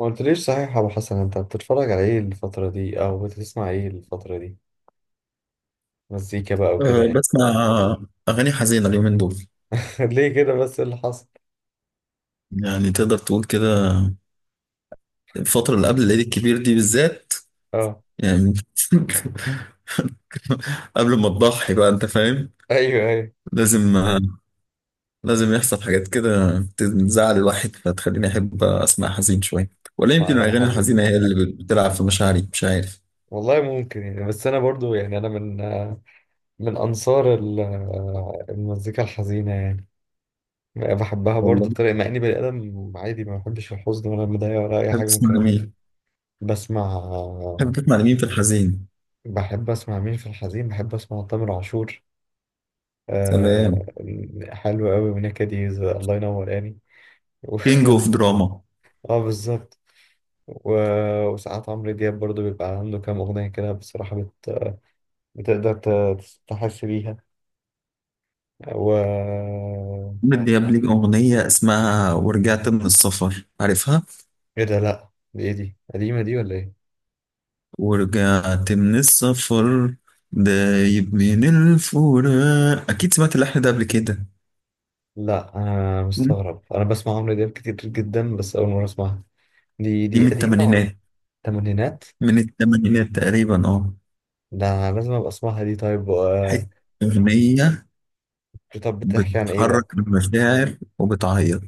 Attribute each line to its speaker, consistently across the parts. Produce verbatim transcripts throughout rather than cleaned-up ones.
Speaker 1: ما قلتليش صحيح يا ابو حسن، انت بتتفرج على ايه الفترة دي او بتسمع ايه الفترة دي؟ مزيكا بقى وكده
Speaker 2: أه،
Speaker 1: يعني.
Speaker 2: بسمع أغاني حزينة اليومين دول.
Speaker 1: ليه كده بس؟ إيه اللي حصل؟
Speaker 2: يعني تقدر تقول كده. الفترة اللي قبل العيد الكبير دي بالذات،
Speaker 1: اه،
Speaker 2: يعني قبل ما تضحي بقى أنت فاهم.
Speaker 1: ايوه ايوه،
Speaker 2: لازم لازم يحصل حاجات كده تزعل الواحد فتخليني أحب أسمع حزين شوية، ولا
Speaker 1: اسمع
Speaker 2: يمكن
Speaker 1: اغاني
Speaker 2: الأغاني
Speaker 1: حزين.
Speaker 2: الحزينة هي اللي بتلعب في مشاعري، مش عارف.
Speaker 1: والله ممكن يعني، بس انا برضو يعني انا من آه، من انصار ال- آه، المزيكا الحزينة يعني. بحبها برضو
Speaker 2: والله
Speaker 1: بطريقة، مع اني بني ادم عادي ما بحبش الحزن ولا المضايقة ولا اي
Speaker 2: تحب
Speaker 1: حاجة من
Speaker 2: تسمع
Speaker 1: الكلام ده.
Speaker 2: لمين؟
Speaker 1: بسمع
Speaker 2: تحب
Speaker 1: آه،
Speaker 2: تسمع لمين في الحزين؟
Speaker 1: بحب اسمع مين في الحزين، بحب اسمع تامر عاشور. آه.
Speaker 2: سلام.
Speaker 1: حلو قوي، ونكديز، الله ينور يعني. و-
Speaker 2: كينج أوف دراما.
Speaker 1: اه، بالظبط. و- وساعات عمرو دياب برضو بيبقى عنده كام أغنية كده بصراحة بت... بتقدر ت- تحس بيها. و
Speaker 2: عمرو دياب ليه أغنية اسمها ورجعت من السفر، عارفها؟
Speaker 1: ايه ده؟ لأ، دي ايه؟ دي قديمة دي ولا ايه؟
Speaker 2: ورجعت من السفر، دايب من الفراق، أكيد سمعت اللحن ده قبل كده.
Speaker 1: لأ، أنا
Speaker 2: م?
Speaker 1: مستغرب، أنا بسمع عمرو دياب كتير جدا بس أول مرة أسمعها. دي
Speaker 2: دي
Speaker 1: دي
Speaker 2: من
Speaker 1: قديمة ولا؟
Speaker 2: التمانينات،
Speaker 1: تمانينات؟
Speaker 2: من التمانينات تقريبا، اه.
Speaker 1: ده أنا لازم أبقى أسمعها دي، طيب و...
Speaker 2: حتة أغنية
Speaker 1: طب بتحكي عن ايه بقى؟
Speaker 2: بتحرك المشاعر وبتعيط.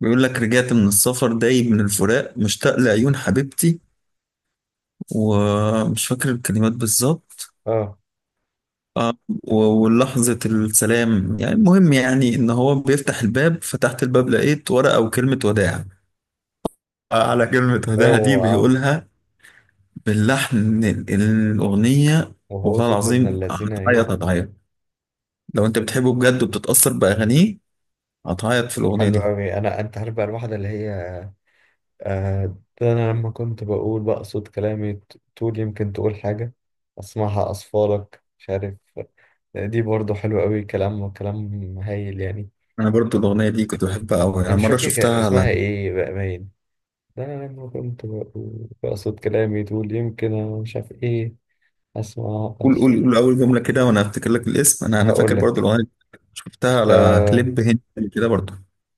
Speaker 2: بيقول لك رجعت من السفر دايب من الفراق مشتاق لعيون حبيبتي، ومش فاكر الكلمات بالظبط.
Speaker 1: اه.
Speaker 2: آه، و- ولحظة السلام، يعني المهم يعني إن هو بيفتح الباب، فتحت الباب لقيت ورقة وكلمة وداع، على كلمة هداها دي
Speaker 1: اوعى!
Speaker 2: بيقولها باللحن ال- الأغنية.
Speaker 1: وهو
Speaker 2: والله
Speaker 1: صوته ابن
Speaker 2: العظيم
Speaker 1: اللذينة
Speaker 2: هتعيط،
Speaker 1: ايه!
Speaker 2: هتعيط لو أنت بتحبه بجد وبتتأثر بأغانيه، هتعيط في الأغنية
Speaker 1: حلو
Speaker 2: دي.
Speaker 1: قوي. انا، انت عارف بقى الواحدة اللي هي آه ده انا لما كنت بقول بقى، صوت كلامي ت- تقول يمكن تقول حاجة، اسمعها اصفالك، مش عارف. دي برضو حلوة قوي، كلام كلام هايل يعني.
Speaker 2: أنا برضو الأغنية دي كنت بحبها أوي،
Speaker 1: انا
Speaker 2: أنا
Speaker 1: مش
Speaker 2: مرة
Speaker 1: فاكر كان
Speaker 2: شفتها
Speaker 1: اسمها
Speaker 2: على
Speaker 1: ايه بقى، باين. ده انا لما كنت بقول بقى، صوت كلامي تقول يمكن، انا مش عارف ايه، اسمعها
Speaker 2: قول قول قول
Speaker 1: اصفالك.
Speaker 2: أول جملة كده وأنا هفتكر لك الاسم. أنا أنا
Speaker 1: هقول
Speaker 2: فاكر برضو
Speaker 1: لك
Speaker 2: الأغنية دي، شفتها على
Speaker 1: آه،
Speaker 2: كليب هندي كده برضو.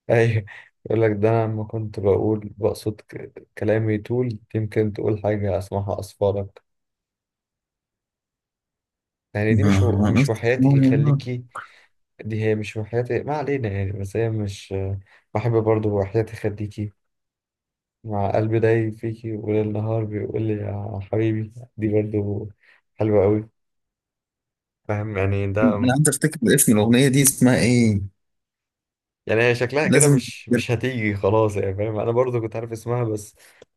Speaker 1: ايوه. يقول لك ده انا لما كنت بقول بقصد ك- كلامي طول يمكن تقول حاجة، اسمعها اصفارك. يعني دي
Speaker 2: ما
Speaker 1: مش و...
Speaker 2: ما
Speaker 1: مش
Speaker 2: أص-
Speaker 1: وحياتي خليكي. دي هي مش وحياتي، ما علينا يعني، بس هي مش. بحب برضو وحياتي خليكي، مع قلبي داي فيكي وليل نهار بيقول لي يا حبيبي، دي برضو حلوة قوي. فاهم يعني ده.
Speaker 2: أنا عايز أفتكر اسم الأغنية دي اسمها إيه،
Speaker 1: يعني هي شكلها كده
Speaker 2: لازم
Speaker 1: مش
Speaker 2: أفتكر.
Speaker 1: مش هتيجي خلاص يعني، فاهم، انا برضو كنت عارف اسمها بس.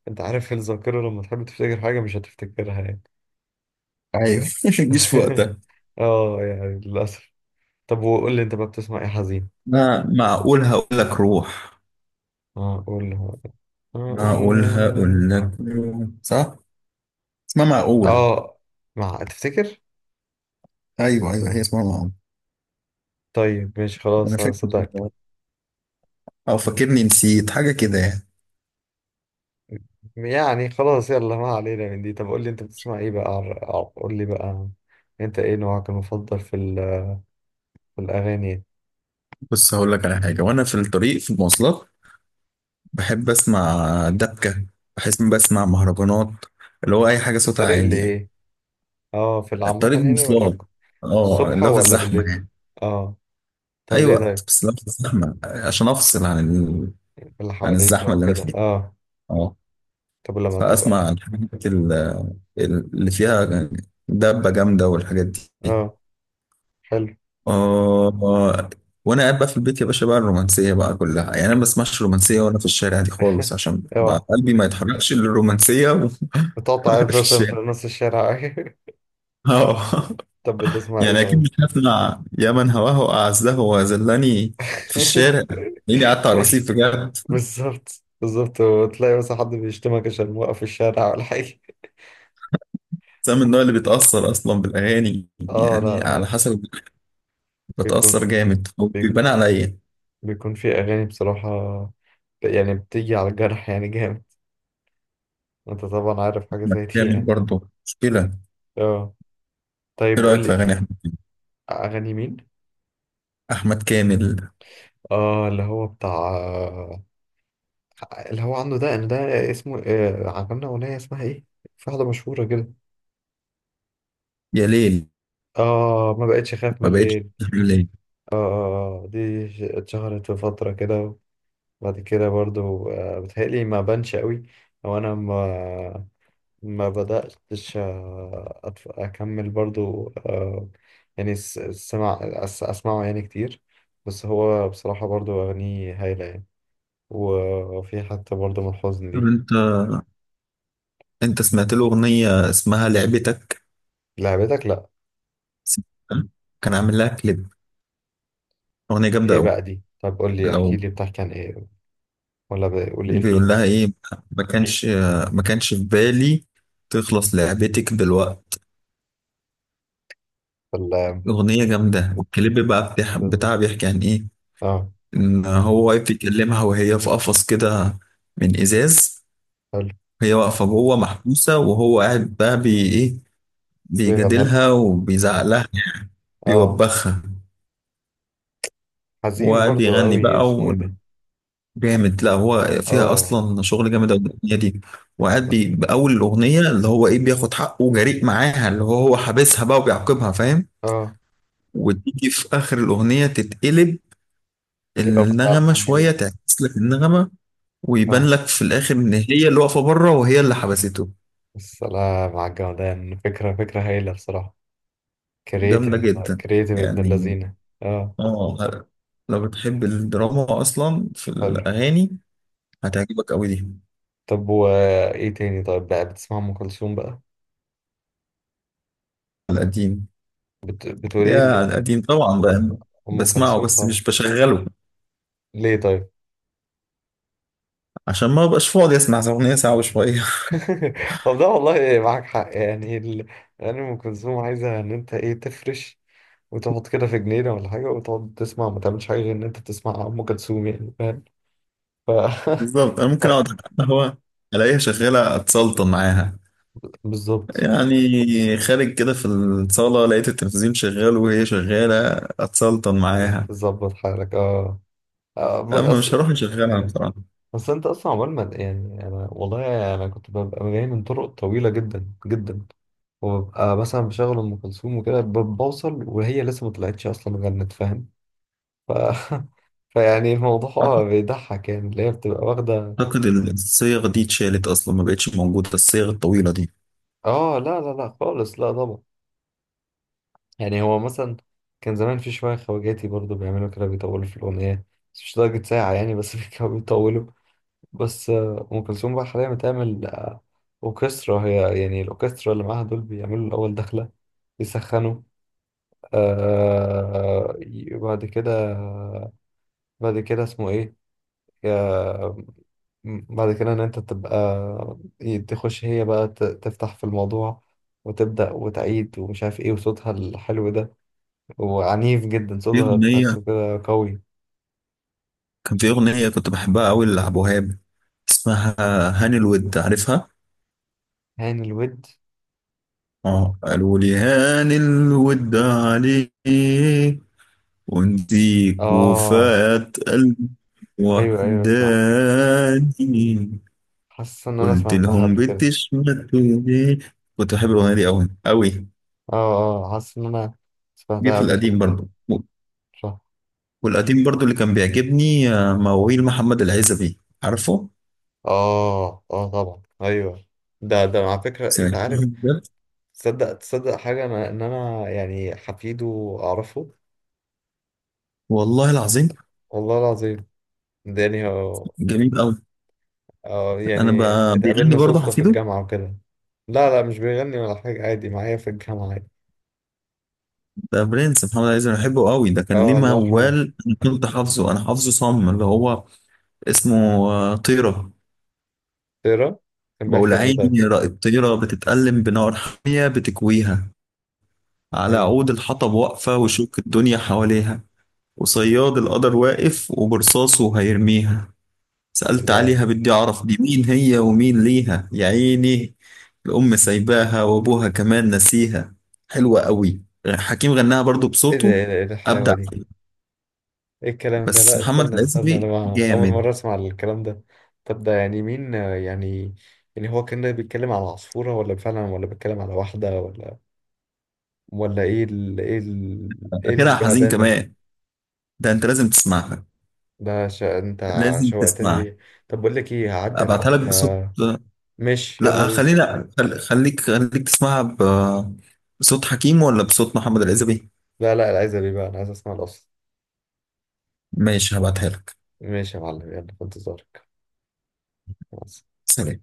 Speaker 1: انت عارف الذاكرة لما تحب تفتكر حاجة مش هتفتكرها يعني.
Speaker 2: أيوه ما تجيش في وقتها.
Speaker 1: اه يعني للأسف. طب وقول لي انت بقى، بتسمع ايه حزين؟
Speaker 2: ما معقول هقول لك، روح
Speaker 1: اه، قول لي. اه،
Speaker 2: معقولها
Speaker 1: قول.
Speaker 2: قلنا كله صح؟ اسمها معقول.
Speaker 1: آه، مع تفتكر.
Speaker 2: ايوه ايوه هي اسمها معقول،
Speaker 1: طيب ماشي
Speaker 2: انا
Speaker 1: خلاص،
Speaker 2: فاكر
Speaker 1: هصدقك.
Speaker 2: كده، او فاكرني نسيت حاجه كده يعني.
Speaker 1: يعني خلاص يلا، ما علينا من دي. طب قول لي انت بتسمع ايه بقى، عر- عر- قول لي بقى. انت ايه نوعك المفضل في ال- في الاغاني؟
Speaker 2: بص هقول لك على حاجه، وانا في الطريق في المواصلات بحب اسمع دبكه، بحس إني بسمع مهرجانات، اللي هو اي حاجه صوتها
Speaker 1: الطريق اللي
Speaker 2: عالي يعني.
Speaker 1: ايه؟ اه، في العامة
Speaker 2: الطريق
Speaker 1: يعني ولا؟
Speaker 2: المواصلات، اه
Speaker 1: الصبح
Speaker 2: اللي هو في
Speaker 1: ولا
Speaker 2: الزحمه
Speaker 1: بالليل؟
Speaker 2: يعني،
Speaker 1: اه. طب
Speaker 2: اي
Speaker 1: ليه
Speaker 2: وقت،
Speaker 1: طيب؟
Speaker 2: بس اللي هو في الزحمه عشان افصل عن ال...
Speaker 1: إيه اللي
Speaker 2: عن
Speaker 1: حواليك بقى
Speaker 2: الزحمه اللي انا
Speaker 1: وكده؟
Speaker 2: فيها،
Speaker 1: اه.
Speaker 2: اه.
Speaker 1: طب لما
Speaker 2: فاسمع
Speaker 1: تبقى.
Speaker 2: الحاجات ال- اللي فيها دبه جامده والحاجات دي.
Speaker 1: اه. حلو.
Speaker 2: آه. وانا قاعد بقى في البيت يا باشا بقى الرومانسيه بقى كلها، يعني انا ما بسمعش رومانسيه وانا في الشارع دي خالص، عشان بقى
Speaker 1: اوعى!
Speaker 2: قلبي ما يتحركش للرومانسيه و-
Speaker 1: بتقعد
Speaker 2: وانا
Speaker 1: تعيط
Speaker 2: في
Speaker 1: مثلا في
Speaker 2: الشارع،
Speaker 1: نص الشارع؟
Speaker 2: اه.
Speaker 1: طب بتسمع ايه
Speaker 2: يعني اكيد
Speaker 1: طيب؟
Speaker 2: مش هسمع يا من هواه اعزه وذلني في الشارع، لاني قعدت على
Speaker 1: أي،
Speaker 2: الرصيف بجد.
Speaker 1: بالظبط بالظبط، وتلاقي مثلا حد بيشتمك عشان موقف في الشارع ولا حاجة.
Speaker 2: بس أنا من النوع اللي بيتاثر اصلا بالاغاني،
Speaker 1: اه، لا
Speaker 2: يعني
Speaker 1: لا،
Speaker 2: على
Speaker 1: يعني.
Speaker 2: حسب،
Speaker 1: بيكون
Speaker 2: بتاثر جامد وبيبان
Speaker 1: بيكون
Speaker 2: عليا.
Speaker 1: بيكون في أغاني بصراحة، يعني بتيجي على الجرح يعني جامد، وانت طبعا عارف حاجة
Speaker 2: أحمد
Speaker 1: زي دي
Speaker 2: كامل
Speaker 1: يعني.
Speaker 2: برضه مشكله.
Speaker 1: اه. طيب
Speaker 2: ايه رايك
Speaker 1: قول
Speaker 2: في
Speaker 1: لي.
Speaker 2: اغاني احمد كامل؟
Speaker 1: أغاني مين؟
Speaker 2: أحمد كامل.
Speaker 1: اه، اللي هو بتاع، اللي هو عنده، ده ده اسمه آه، عملنا أغنية اسمها ايه؟ في واحدة مشهورة كده.
Speaker 2: يا ليل،
Speaker 1: اه، ما بقتش اخاف من
Speaker 2: ما بقتش
Speaker 1: الليل.
Speaker 2: تحمل ليل.
Speaker 1: اه اه، آه، دي ش- اتشهرت في فترة كده. وبعد كده برضو آه، بتهيألي ما بانش قوي، او انا ما ما بدأتش آه، أتف- اكمل برضو آه، يعني س- سمع أس- اسمعه يعني كتير، بس هو بصراحة برضو اغانيه هايلة يعني، وفي حتى برضو من الحزن
Speaker 2: طب
Speaker 1: دي.
Speaker 2: انت، انت سمعت له اغنيه اسمها لعبتك؟
Speaker 1: لعبتك؟ لا.
Speaker 2: سمعتها؟ كان عامل لها كليب، اغنيه جامده
Speaker 1: ايه
Speaker 2: قوي.
Speaker 1: بقى دي؟ طب قول لي،
Speaker 2: لو
Speaker 1: احكي لي، بتحكي عن ايه؟ ولا ب- قول لي ايه
Speaker 2: بيقول
Speaker 1: فيه.
Speaker 2: لها ايه، ما كانش ما كانش في بالي، تخلص لعبتك بالوقت.
Speaker 1: ولا؟
Speaker 2: اغنيه جامده، والكليب بقى بتاع بتاعها بيحكي عن ايه،
Speaker 1: اه.
Speaker 2: ان هو واقف بيكلمها وهي في قفص كده من ازاز،
Speaker 1: حلو.
Speaker 2: هي واقفه جوه محبوسه وهو قاعد بقى بي ايه،
Speaker 1: بيغنى لها.
Speaker 2: بيجادلها وبيزعق لها،
Speaker 1: اه،
Speaker 2: بيوبخها
Speaker 1: حزين برضو
Speaker 2: وبيغني
Speaker 1: أوي،
Speaker 2: بقى
Speaker 1: اسمه إيه ده؟
Speaker 2: جامد. لا هو فيها
Speaker 1: آه.
Speaker 2: اصلا شغل جامد أوي الاغنيه دي، وقاعد بي- باول الاغنيه اللي هو ايه بياخد حقه وجريء معاها، اللي هو هو حابسها بقى وبيعاقبها فاهم،
Speaker 1: آه،
Speaker 2: وتيجي في اخر الاغنيه تتقلب
Speaker 1: يبقى بتاع
Speaker 2: النغمه
Speaker 1: الحنية
Speaker 2: شويه،
Speaker 1: ده.
Speaker 2: تعكس لك النغمه، ويبان
Speaker 1: آه،
Speaker 2: لك في الاخر ان هي اللي واقفه بره وهي اللي حبسته.
Speaker 1: السلام على الجمدان! فكرة، فكرة هايلة بصراحة.
Speaker 2: جامده
Speaker 1: كرييتيف.
Speaker 2: جدا
Speaker 1: كرييتيف ابن
Speaker 2: يعني.
Speaker 1: اللذينة. آه.
Speaker 2: اه لو بتحب الدراما اصلا في
Speaker 1: حلو.
Speaker 2: الاغاني هتعجبك قوي دي.
Speaker 1: طب وإيه تاني طيب؟ بقى بتسمع أم كلثوم بقى؟
Speaker 2: على القديم،
Speaker 1: بت... بتقول إيه
Speaker 2: يا
Speaker 1: ل-
Speaker 2: على القديم طبعا بقى.
Speaker 1: أم
Speaker 2: بسمعه
Speaker 1: كلثوم
Speaker 2: بس
Speaker 1: طبعا.
Speaker 2: مش بشغله،
Speaker 1: ليه طيب؟
Speaker 2: عشان ما ابقاش فاضي اسمع اغنيه ساعه وشويه
Speaker 1: طب ده والله معاك حق، يعني ال... يعني أم كلثوم عايزة إن أنت إيه، تفرش وتقعد كده في جنينة ولا حاجة وتقعد تسمع، ما تعملش حاجة غير إن أنت تسمع أم كلثوم، يعني فاهم؟ ف...
Speaker 2: بالظبط انا
Speaker 1: ف-
Speaker 2: ممكن اقعد على القهوه الاقيها شغاله اتسلطن معاها،
Speaker 1: بالظبط.
Speaker 2: يعني خارج كده في الصاله لقيت التلفزيون شغال وهي شغاله اتسلطن معاها،
Speaker 1: تظبط حالك، اه. آه، بس
Speaker 2: اما مش
Speaker 1: اصل،
Speaker 2: هروح اشغلها بصراحه.
Speaker 1: بس انت اصلا عمال، ما يعني انا، والله انا كنت ببقى جاي من طرق طويله جدا جدا، وببقى مثلا بشغل ام كلثوم وكده ب- بوصل وهي لسه ما طلعتش اصلا غنت، فاهم. ف فيعني الموضوع بيضحك يعني، اللي هي بتبقى واخده.
Speaker 2: اعتقد الصيغ دي اتشالت اصلا ما بقتش موجوده الصيغ الطويله دي.
Speaker 1: اه، لا لا لا خالص، لا طبعا. يعني هو مثلا كان زمان في شويه خواجاتي برضو بيعملوا كده، بيطولوا في الاغنيه، بس مش لدرجه ساعه يعني، بس كانوا بيطولوا. بس آه، أم كلثوم بقى حاليا بتعمل آه، أوركسترا، هي يعني الأوركسترا اللي معاها دول بيعملوا الأول دخلة، يسخنوا. آه، ي- بعد كده، بعد كده اسمه إيه، يا- م- بعد كده إن أنت تبقى، ي- تخش هي بقى ت- تفتح في الموضوع، وتبدأ وتعيد ومش عارف إيه، وصوتها الحلو ده وعنيف جدا
Speaker 2: في
Speaker 1: صوتها، تحسه
Speaker 2: اغنيه،
Speaker 1: كده قوي.
Speaker 2: كان في اغنيه كنت بحبها قوي لعبد الوهاب، اسمها هاني الود، عارفها؟
Speaker 1: هاني الود.
Speaker 2: اه، قالوا لي هاني الود عليك ونديك
Speaker 1: آه،
Speaker 2: وفاة قلبي
Speaker 1: أيوه أيوه، اسمعها.
Speaker 2: وحداني،
Speaker 1: حاسس إن أنا
Speaker 2: قلت
Speaker 1: سمعتها
Speaker 2: لهم
Speaker 1: قبل كده.
Speaker 2: بتشمتوا ليه. كنت بحب الأغنية دي أوي أوي.
Speaker 1: اه اه، حاسس ان انا
Speaker 2: جه
Speaker 1: سمعتها
Speaker 2: في
Speaker 1: قبل كده،
Speaker 2: القديم
Speaker 1: فاهم.
Speaker 2: برضو.
Speaker 1: صح.
Speaker 2: والقديم برضو اللي كان بيعجبني آه، مواويل محمد العزبي، عارفه؟
Speaker 1: اه اه، طبعا ايوه. ده ده على فكره،
Speaker 2: سمعت
Speaker 1: انت عارف.
Speaker 2: بجد؟
Speaker 1: تصدق تصدق حاجه، انا ان انا يعني حفيده اعرفه.
Speaker 2: والله العظيم.
Speaker 1: والله العظيم. داني هو.
Speaker 2: جميل أوي.
Speaker 1: اه،
Speaker 2: أنا
Speaker 1: يعني
Speaker 2: ب- بيغني
Speaker 1: اتقابلنا
Speaker 2: برضه
Speaker 1: صدفه في
Speaker 2: حفيده؟
Speaker 1: الجامعه وكده. لا لا، مش بيغني ولا حاجه، عادي معايا في الجامعه عادي.
Speaker 2: ده برنس محمد العزبي أنا بحبه أوي، ده كان ليه
Speaker 1: اه، الله يرحمه.
Speaker 2: موال أنا كنت حافظه، أنا حافظه صم، اللي هو اسمه آه، طيرة.
Speaker 1: ترى. كان
Speaker 2: بقول
Speaker 1: بيحكي عن ايه طيب؟
Speaker 2: عيني الطيرة بتتألم بنار حامية بتكويها، على
Speaker 1: ايه.
Speaker 2: عود الحطب واقفة وشوك الدنيا حواليها، وصياد القدر واقف وبرصاصه هيرميها، سألت عليها
Speaker 1: سلام.
Speaker 2: بدي أعرف دي مين هي ومين ليها يا عيني، الأم سايباها وأبوها كمان نسيها. حلوة قوي. حكيم غناها برضو
Speaker 1: ايه ده!
Speaker 2: بصوته،
Speaker 1: ايه ده! ايه الحلاوه
Speaker 2: أبدع
Speaker 1: دي!
Speaker 2: فيه.
Speaker 1: ايه الكلام ده!
Speaker 2: بس
Speaker 1: لا،
Speaker 2: محمد
Speaker 1: استنى استنى، انا
Speaker 2: العزبي
Speaker 1: مع- اول
Speaker 2: جامد.
Speaker 1: مره اسمع الكلام ده. طب ده يعني مين آه، يعني، يعني هو كان بيتكلم على عصفوره ولا فعلا، ولا بيتكلم على واحده ولا، ولا ايه ال... ايه ال... ايه
Speaker 2: آخرها حزين
Speaker 1: الجمدان ده!
Speaker 2: كمان. ده أنت لازم تسمعها،
Speaker 1: ده ش... انت
Speaker 2: لازم
Speaker 1: شوقتني
Speaker 2: تسمعها.
Speaker 1: ليه. طب بقول لك ايه، هعدي
Speaker 2: أبعتها لك
Speaker 1: عليك
Speaker 2: بصوت.
Speaker 1: آه... ماشي يلا
Speaker 2: لا
Speaker 1: بينا.
Speaker 2: خلينا، خل- خليك خليك تسمعها ب- بصوت حكيم ولا بصوت محمد العزبي؟
Speaker 1: لا لا، انا عايز ابي بقى، انا عايز اسمع الاصل.
Speaker 2: ماشي هبعتها لك.
Speaker 1: ماشي يا معلم، يلا في انتظارك. خلاص.
Speaker 2: سلام.